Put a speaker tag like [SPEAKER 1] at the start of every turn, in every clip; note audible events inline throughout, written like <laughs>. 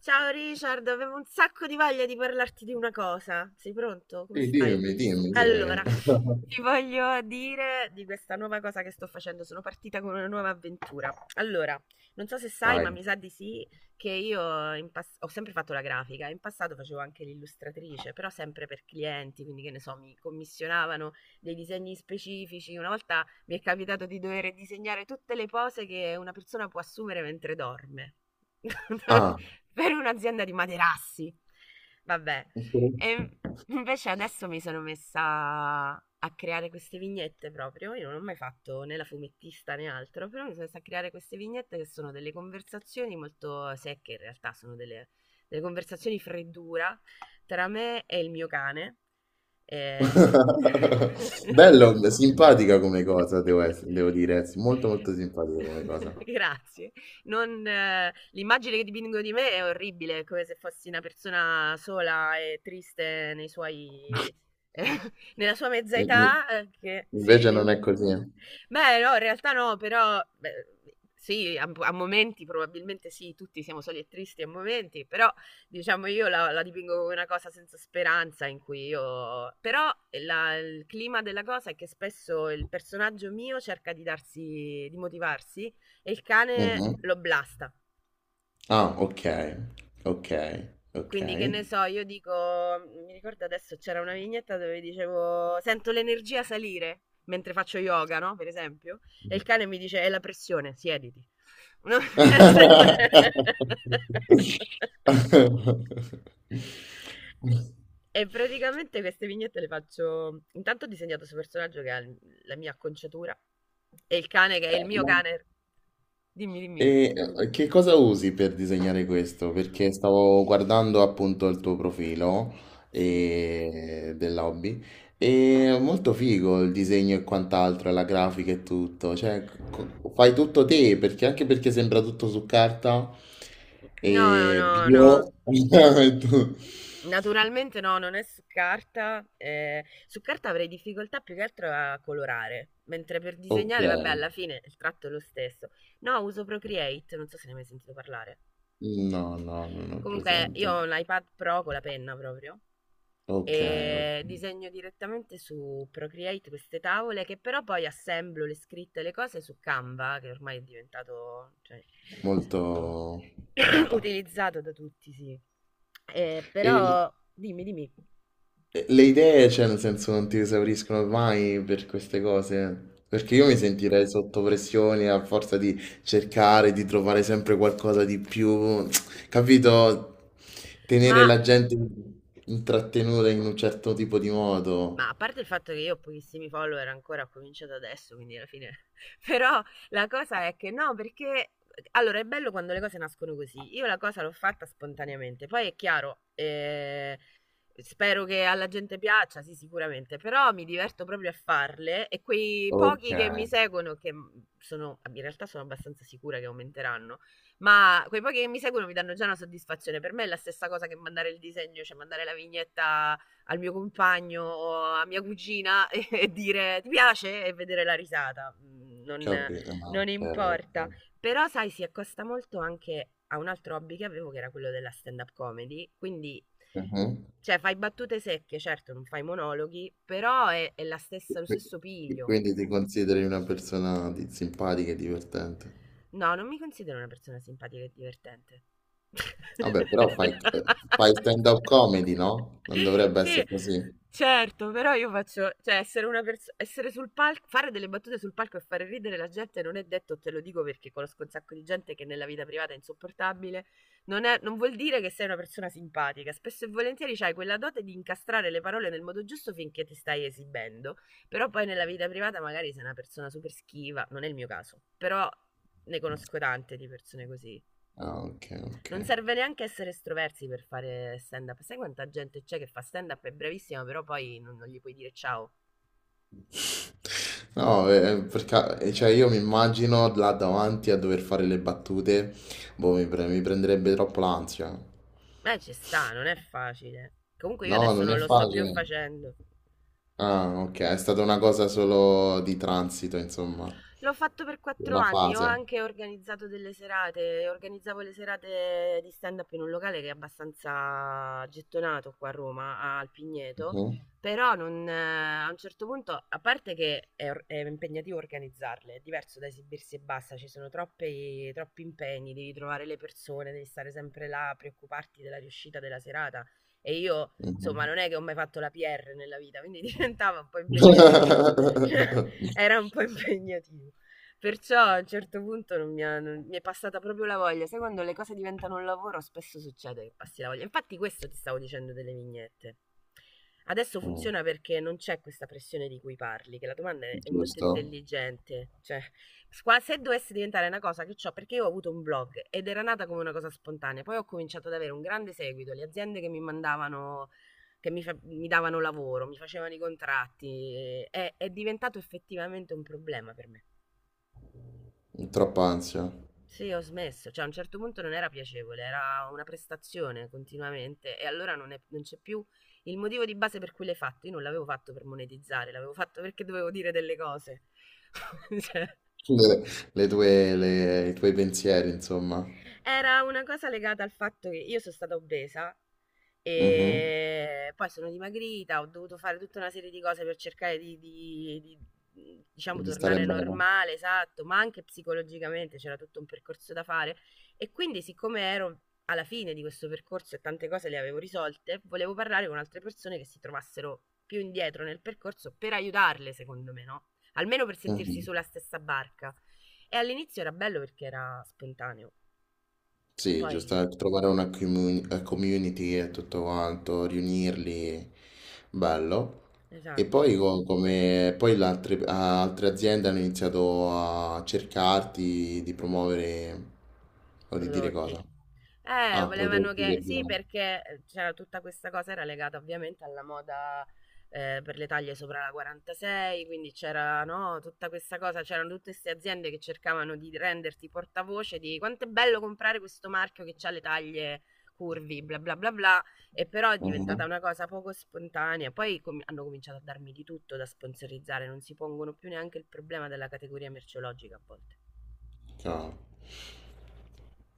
[SPEAKER 1] Ciao Richard, avevo un sacco di voglia di parlarti di una cosa. Sei pronto? Come
[SPEAKER 2] Sì,
[SPEAKER 1] stai?
[SPEAKER 2] dimmi, dimmi, dimmi.
[SPEAKER 1] Allora,
[SPEAKER 2] <laughs>
[SPEAKER 1] ti voglio dire di questa nuova cosa che sto facendo. Sono partita con una nuova avventura. Allora, non so se sai, ma
[SPEAKER 2] Vai.
[SPEAKER 1] mi sa di sì, che io ho sempre fatto la grafica. In passato facevo anche l'illustratrice, però sempre per clienti, quindi che ne so, mi commissionavano dei disegni specifici. Una volta mi è capitato di dover disegnare tutte le pose che una persona può assumere mentre dorme
[SPEAKER 2] Ah,
[SPEAKER 1] <laughs> per un'azienda di materassi. Vabbè,
[SPEAKER 2] ok.
[SPEAKER 1] e invece adesso mi sono messa a creare queste vignette proprio. Io non ho mai fatto né la fumettista né altro, però mi sono messa a creare queste vignette che sono delle conversazioni molto secche, in realtà sono delle conversazioni freddura tra me e il mio cane eh.
[SPEAKER 2] <laughs> Bello,
[SPEAKER 1] <laughs>
[SPEAKER 2] simpatica come cosa, devo, devo dire, sì, molto molto simpatica come cosa.
[SPEAKER 1] Grazie. Non, L'immagine che dipingo di me è orribile, è come se fossi una persona sola e triste nei suoi, <laughs> nella sua mezza
[SPEAKER 2] In- in-
[SPEAKER 1] età. Che... Sì,
[SPEAKER 2] Invece non è
[SPEAKER 1] dimmi.
[SPEAKER 2] così.
[SPEAKER 1] Beh, no, in realtà no, però beh, sì, a momenti probabilmente sì, tutti siamo soli e tristi a momenti, però diciamo io la dipingo come una cosa senza speranza in cui io... Però il clima della cosa è che spesso il personaggio mio cerca di darsi, di motivarsi e il cane
[SPEAKER 2] Mhm.
[SPEAKER 1] lo blasta.
[SPEAKER 2] Ah, ok, ok, ok.
[SPEAKER 1] Quindi che ne so, io dico, mi ricordo adesso c'era una vignetta dove dicevo sento l'energia salire mentre faccio yoga, no? Per esempio, e il cane mi dice è la pressione, siediti. No?
[SPEAKER 2] <laughs>
[SPEAKER 1] <laughs> E praticamente queste vignette le faccio. Intanto ho disegnato questo personaggio che ha la mia acconciatura e il cane che è il
[SPEAKER 2] Eh,
[SPEAKER 1] mio cane. Dimmi, dimmi.
[SPEAKER 2] Che cosa usi per disegnare questo? Perché stavo guardando appunto il tuo profilo
[SPEAKER 1] Sì.
[SPEAKER 2] e... dell'hobby e è molto figo il disegno e quant'altro, la grafica e tutto, fai tutto te perché anche perché sembra tutto su carta
[SPEAKER 1] No,
[SPEAKER 2] e
[SPEAKER 1] no, no.
[SPEAKER 2] bio. <laughs>
[SPEAKER 1] Naturalmente no, non è su carta. Su carta avrei difficoltà più che altro a colorare, mentre per
[SPEAKER 2] Ok,
[SPEAKER 1] disegnare, vabbè, alla fine il tratto è lo stesso. No, uso Procreate, non so se ne hai mai sentito parlare.
[SPEAKER 2] no, no, non ho
[SPEAKER 1] Comunque,
[SPEAKER 2] presente.
[SPEAKER 1] io ho un iPad Pro con la penna proprio
[SPEAKER 2] Ok, ok.
[SPEAKER 1] e disegno direttamente su Procreate queste tavole che però poi assemblo le scritte e le cose su Canva, che ormai è diventato, cioè,
[SPEAKER 2] Molto
[SPEAKER 1] <clears throat>
[SPEAKER 2] nota.
[SPEAKER 1] utilizzato da tutti, sì.
[SPEAKER 2] E
[SPEAKER 1] Però dimmi, dimmi.
[SPEAKER 2] Le idee, cioè, nel senso, non ti esauriscono mai per queste cose. Perché io mi sentirei sotto pressione a forza di cercare, di trovare sempre qualcosa di più, capito? Tenere
[SPEAKER 1] Ma
[SPEAKER 2] la gente intrattenuta in un certo tipo di modo.
[SPEAKER 1] Ma a parte il fatto che io ho pochissimi follower ancora, ho cominciato adesso, quindi alla fine... <laughs> Però la cosa è che no, perché... Allora, è bello quando le cose nascono così. Io la cosa l'ho fatta spontaneamente. Poi è chiaro, spero che alla gente piaccia, sì, sicuramente, però mi diverto proprio a farle e quei
[SPEAKER 2] Ok,
[SPEAKER 1] pochi che mi seguono, che sono, in realtà sono abbastanza sicura che aumenteranno, ma quei pochi che mi seguono mi danno già una soddisfazione. Per me è la stessa cosa che mandare il disegno, cioè mandare la vignetta al mio compagno o a mia cugina <laughs> e dire ti piace e vedere la risata. Mm,
[SPEAKER 2] capito. No,
[SPEAKER 1] non
[SPEAKER 2] ok,
[SPEAKER 1] importa.
[SPEAKER 2] ok.
[SPEAKER 1] Però, sai, si accosta molto anche a un altro hobby che avevo che era quello della stand-up comedy. Quindi,
[SPEAKER 2] Mhm.
[SPEAKER 1] cioè, fai battute secche, certo, non fai monologhi, però è la stessa, lo stesso piglio.
[SPEAKER 2] Quindi ti consideri una persona simpatica e divertente.
[SPEAKER 1] No, non mi considero una persona simpatica e divertente.
[SPEAKER 2] Vabbè, fai stand-up
[SPEAKER 1] <laughs>
[SPEAKER 2] comedy, no? Non dovrebbe
[SPEAKER 1] Sì,
[SPEAKER 2] essere così.
[SPEAKER 1] certo, però io faccio, cioè essere una persona, essere sul palco, fare delle battute sul palco e fare ridere la gente non è detto, te lo dico perché conosco un sacco di gente che nella vita privata è insopportabile, non vuol dire che sei una persona simpatica, spesso e volentieri c'hai quella dote di incastrare le parole nel modo giusto finché ti stai esibendo, però poi nella vita privata magari sei una persona super schiva, non è il mio caso, però ne conosco tante di persone così.
[SPEAKER 2] Ah, ok, ok.
[SPEAKER 1] Non serve neanche essere estroversi per fare stand up. Sai quanta gente c'è che fa stand up, è bravissima, però poi non gli puoi dire ciao.
[SPEAKER 2] No, perché cioè io mi immagino là davanti a dover fare le battute, boh, mi prenderebbe troppo l'ansia.
[SPEAKER 1] Ma ci sta, non è facile. Comunque io
[SPEAKER 2] No,
[SPEAKER 1] adesso
[SPEAKER 2] non è
[SPEAKER 1] non lo sto più
[SPEAKER 2] facile.
[SPEAKER 1] facendo.
[SPEAKER 2] Ah, ok, è stata una cosa solo di transito, insomma,
[SPEAKER 1] L'ho fatto per quattro
[SPEAKER 2] una
[SPEAKER 1] anni, ho
[SPEAKER 2] fase.
[SPEAKER 1] anche organizzato delle serate, organizzavo le serate di stand-up in un locale che è abbastanza gettonato qua a Roma, al Pigneto,
[SPEAKER 2] Mhm,
[SPEAKER 1] però non, a un certo punto, a parte che è impegnativo organizzarle, è diverso da esibirsi e basta, ci sono troppi, troppi impegni, devi trovare le persone, devi stare sempre là, preoccuparti della riuscita della serata e io... Insomma,
[SPEAKER 2] mhm.
[SPEAKER 1] non è che ho mai fatto la PR nella vita, quindi <laughs> diventava un po' impegnativo.
[SPEAKER 2] <laughs>
[SPEAKER 1] <laughs> Era un po' impegnativo. Perciò a un certo punto non mi, ha- non- mi è passata proprio la voglia. Sai quando le cose diventano un lavoro, spesso succede che passi la voglia. Infatti, questo ti stavo dicendo delle vignette. Adesso
[SPEAKER 2] Mm,
[SPEAKER 1] funziona perché non c'è questa pressione di cui parli, che la domanda è molto
[SPEAKER 2] giusto,
[SPEAKER 1] intelligente. Cioè, se dovesse diventare una cosa che ho, perché io ho avuto un blog ed era nata come una cosa spontanea, poi ho cominciato ad avere un grande seguito, le aziende che mi mandavano, che mi davano lavoro, mi facevano i contratti, è diventato effettivamente un problema per me.
[SPEAKER 2] troppa ansia.
[SPEAKER 1] Sì, ho smesso, cioè a un certo punto non era piacevole, era una prestazione continuamente e allora non c'è più il motivo di base per cui l'hai fatto. Io non l'avevo fatto per monetizzare, l'avevo fatto perché dovevo dire delle cose. <laughs> Cioè,
[SPEAKER 2] Le, I tuoi pensieri, insomma.
[SPEAKER 1] era una cosa legata al fatto che io sono stata obesa
[SPEAKER 2] Mhm,
[SPEAKER 1] e poi sono dimagrita, ho dovuto fare tutta una serie di cose per cercare di, diciamo,
[SPEAKER 2] di stare
[SPEAKER 1] tornare
[SPEAKER 2] bene.
[SPEAKER 1] normale, esatto, ma anche psicologicamente c'era tutto un percorso da fare. E quindi, siccome ero alla fine di questo percorso e tante cose le avevo risolte, volevo parlare con altre persone che si trovassero più indietro nel percorso per aiutarle, secondo me, no? Almeno per sentirsi
[SPEAKER 2] Mhm.
[SPEAKER 1] sulla stessa barca. E all'inizio era bello perché era spontaneo.
[SPEAKER 2] Sì,
[SPEAKER 1] Poi,
[SPEAKER 2] giusto, trovare una community e tutto quanto, riunirli, bello. E
[SPEAKER 1] esatto,
[SPEAKER 2] poi, come, poi le altre, altre aziende hanno iniziato a cercarti di promuovere o di dire
[SPEAKER 1] prodotti.
[SPEAKER 2] cosa? Ah,
[SPEAKER 1] Volevano
[SPEAKER 2] prodotti
[SPEAKER 1] che...
[SPEAKER 2] per...
[SPEAKER 1] Sì, perché c'era tutta questa cosa, era legata ovviamente alla moda per le taglie sopra la 46, quindi c'era, no, tutta questa cosa, c'erano tutte queste aziende che cercavano di renderti portavoce di quanto è bello comprare questo marchio che ha le taglie curvi, bla bla bla bla, e però è
[SPEAKER 2] Mhm.
[SPEAKER 1] diventata una cosa poco spontanea. Hanno cominciato a darmi di tutto da sponsorizzare, non si pongono più neanche il problema della categoria merceologica a volte.
[SPEAKER 2] Chiaro.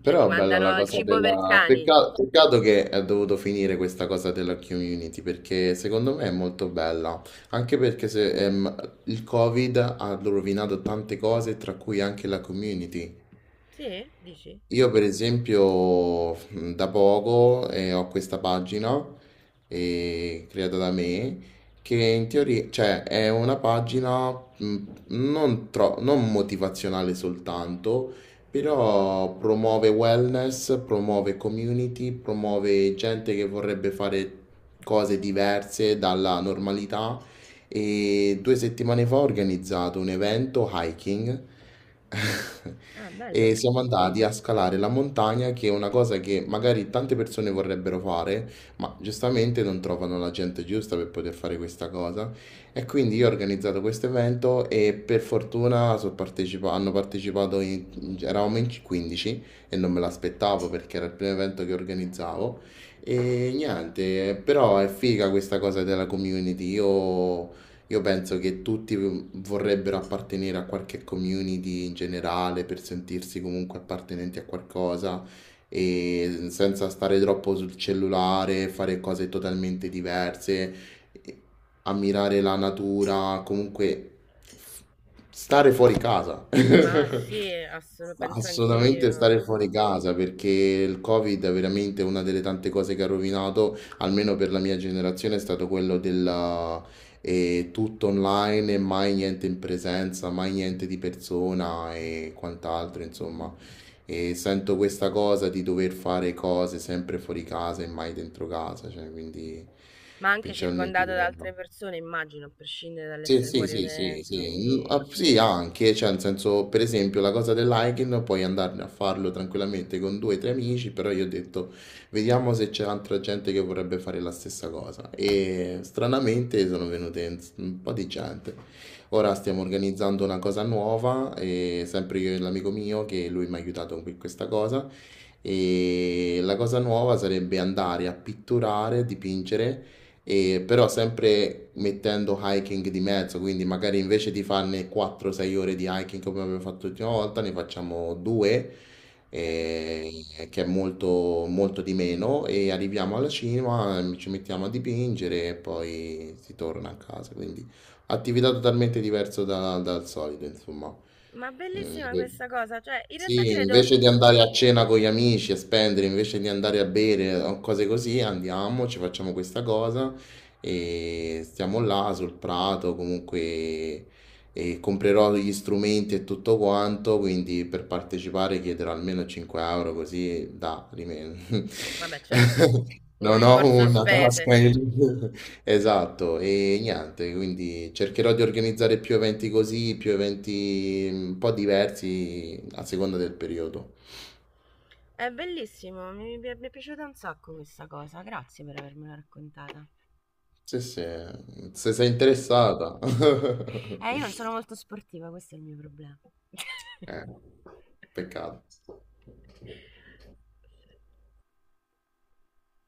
[SPEAKER 1] Cioè ti
[SPEAKER 2] Però è bella la
[SPEAKER 1] mandano il
[SPEAKER 2] cosa
[SPEAKER 1] cibo per
[SPEAKER 2] della...
[SPEAKER 1] cani.
[SPEAKER 2] Peccato, che è dovuto finire questa cosa della community, perché secondo me è molto bella. Anche perché se, il Covid ha rovinato tante cose, tra cui anche la community.
[SPEAKER 1] Sì, dici?
[SPEAKER 2] Io per esempio da poco ho questa pagina creata da me che in teoria, cioè è una pagina non motivazionale soltanto, però promuove wellness, promuove community, promuove gente che vorrebbe fare cose diverse dalla normalità, e 2 settimane fa ho organizzato un evento hiking. <laughs>
[SPEAKER 1] Ah,
[SPEAKER 2] E
[SPEAKER 1] bello.
[SPEAKER 2] siamo andati a scalare la montagna, che è una cosa che magari tante persone vorrebbero fare, ma giustamente non trovano la gente giusta per poter fare questa cosa. E quindi io ho organizzato questo evento e per fortuna hanno partecipato, eravamo in 15 e non me l'aspettavo perché era il primo evento che organizzavo. E niente, però è figa questa cosa della community. Io penso che tutti vorrebbero appartenere a qualche community in generale per sentirsi comunque appartenenti a qualcosa e senza stare troppo sul cellulare, fare cose totalmente diverse, e ammirare la natura, comunque f- stare fuori casa.
[SPEAKER 1] Ma
[SPEAKER 2] <laughs>
[SPEAKER 1] sì, assolut- penso
[SPEAKER 2] Assolutamente stare
[SPEAKER 1] anch'io.
[SPEAKER 2] fuori casa perché il Covid è veramente una delle tante cose che ha rovinato, almeno per la mia generazione, è stato quello del tutto online e mai niente in presenza, mai niente di persona e quant'altro, insomma. E sento questa cosa di dover fare cose sempre fuori casa e mai dentro casa, cioè, quindi
[SPEAKER 1] Ma anche
[SPEAKER 2] principalmente...
[SPEAKER 1] circondato da altre persone, immagino, a prescindere
[SPEAKER 2] Sì,
[SPEAKER 1] dall'essere
[SPEAKER 2] sì,
[SPEAKER 1] fuori o
[SPEAKER 2] sì, sì,
[SPEAKER 1] dentro,
[SPEAKER 2] sì, mm,
[SPEAKER 1] sì.
[SPEAKER 2] ah, sì, anche, cioè, nel senso, per esempio, la cosa del hiking puoi andare a farlo tranquillamente con due o tre amici, però io ho detto, vediamo se c'è altra gente che vorrebbe fare la stessa cosa. E stranamente sono venute un po' di gente. Ora stiamo organizzando una cosa nuova, e sempre io e l'amico mio, che lui mi ha aiutato con questa cosa, e la cosa nuova sarebbe andare a pitturare, dipingere, e però sempre mettendo hiking di mezzo, quindi magari invece di farne 4-6 ore di hiking come abbiamo fatto l'ultima volta, ne facciamo due,
[SPEAKER 1] Ok.
[SPEAKER 2] eh, che è molto, molto di meno, e arriviamo alla cima, ci mettiamo a dipingere e poi si torna a casa, quindi attività totalmente diversa dal solito, insomma.
[SPEAKER 1] Ma
[SPEAKER 2] Mm,
[SPEAKER 1] bellissima questa cosa, cioè, in realtà
[SPEAKER 2] sì,
[SPEAKER 1] credo...
[SPEAKER 2] invece di andare a cena con gli amici e spendere, invece di andare a bere o cose così, andiamo, ci facciamo questa cosa e stiamo là sul prato, comunque, e comprerò gli strumenti e tutto quanto, quindi per partecipare chiederò almeno 5 € così da rimedio.
[SPEAKER 1] Vabbè, certo,
[SPEAKER 2] <laughs>
[SPEAKER 1] un
[SPEAKER 2] Non ho
[SPEAKER 1] rimborso
[SPEAKER 2] una tasca
[SPEAKER 1] spese.
[SPEAKER 2] in... Esatto, e niente, quindi cercherò di organizzare più eventi così, più eventi mm, un po' diversi a seconda del periodo.
[SPEAKER 1] È bellissimo, mi è piaciuta un sacco questa cosa, grazie per avermela raccontata.
[SPEAKER 2] Sì, sì, se sei interessata. <laughs>
[SPEAKER 1] Io non sono molto sportiva, questo è il mio problema.
[SPEAKER 2] Eh,
[SPEAKER 1] <laughs>
[SPEAKER 2] peccato.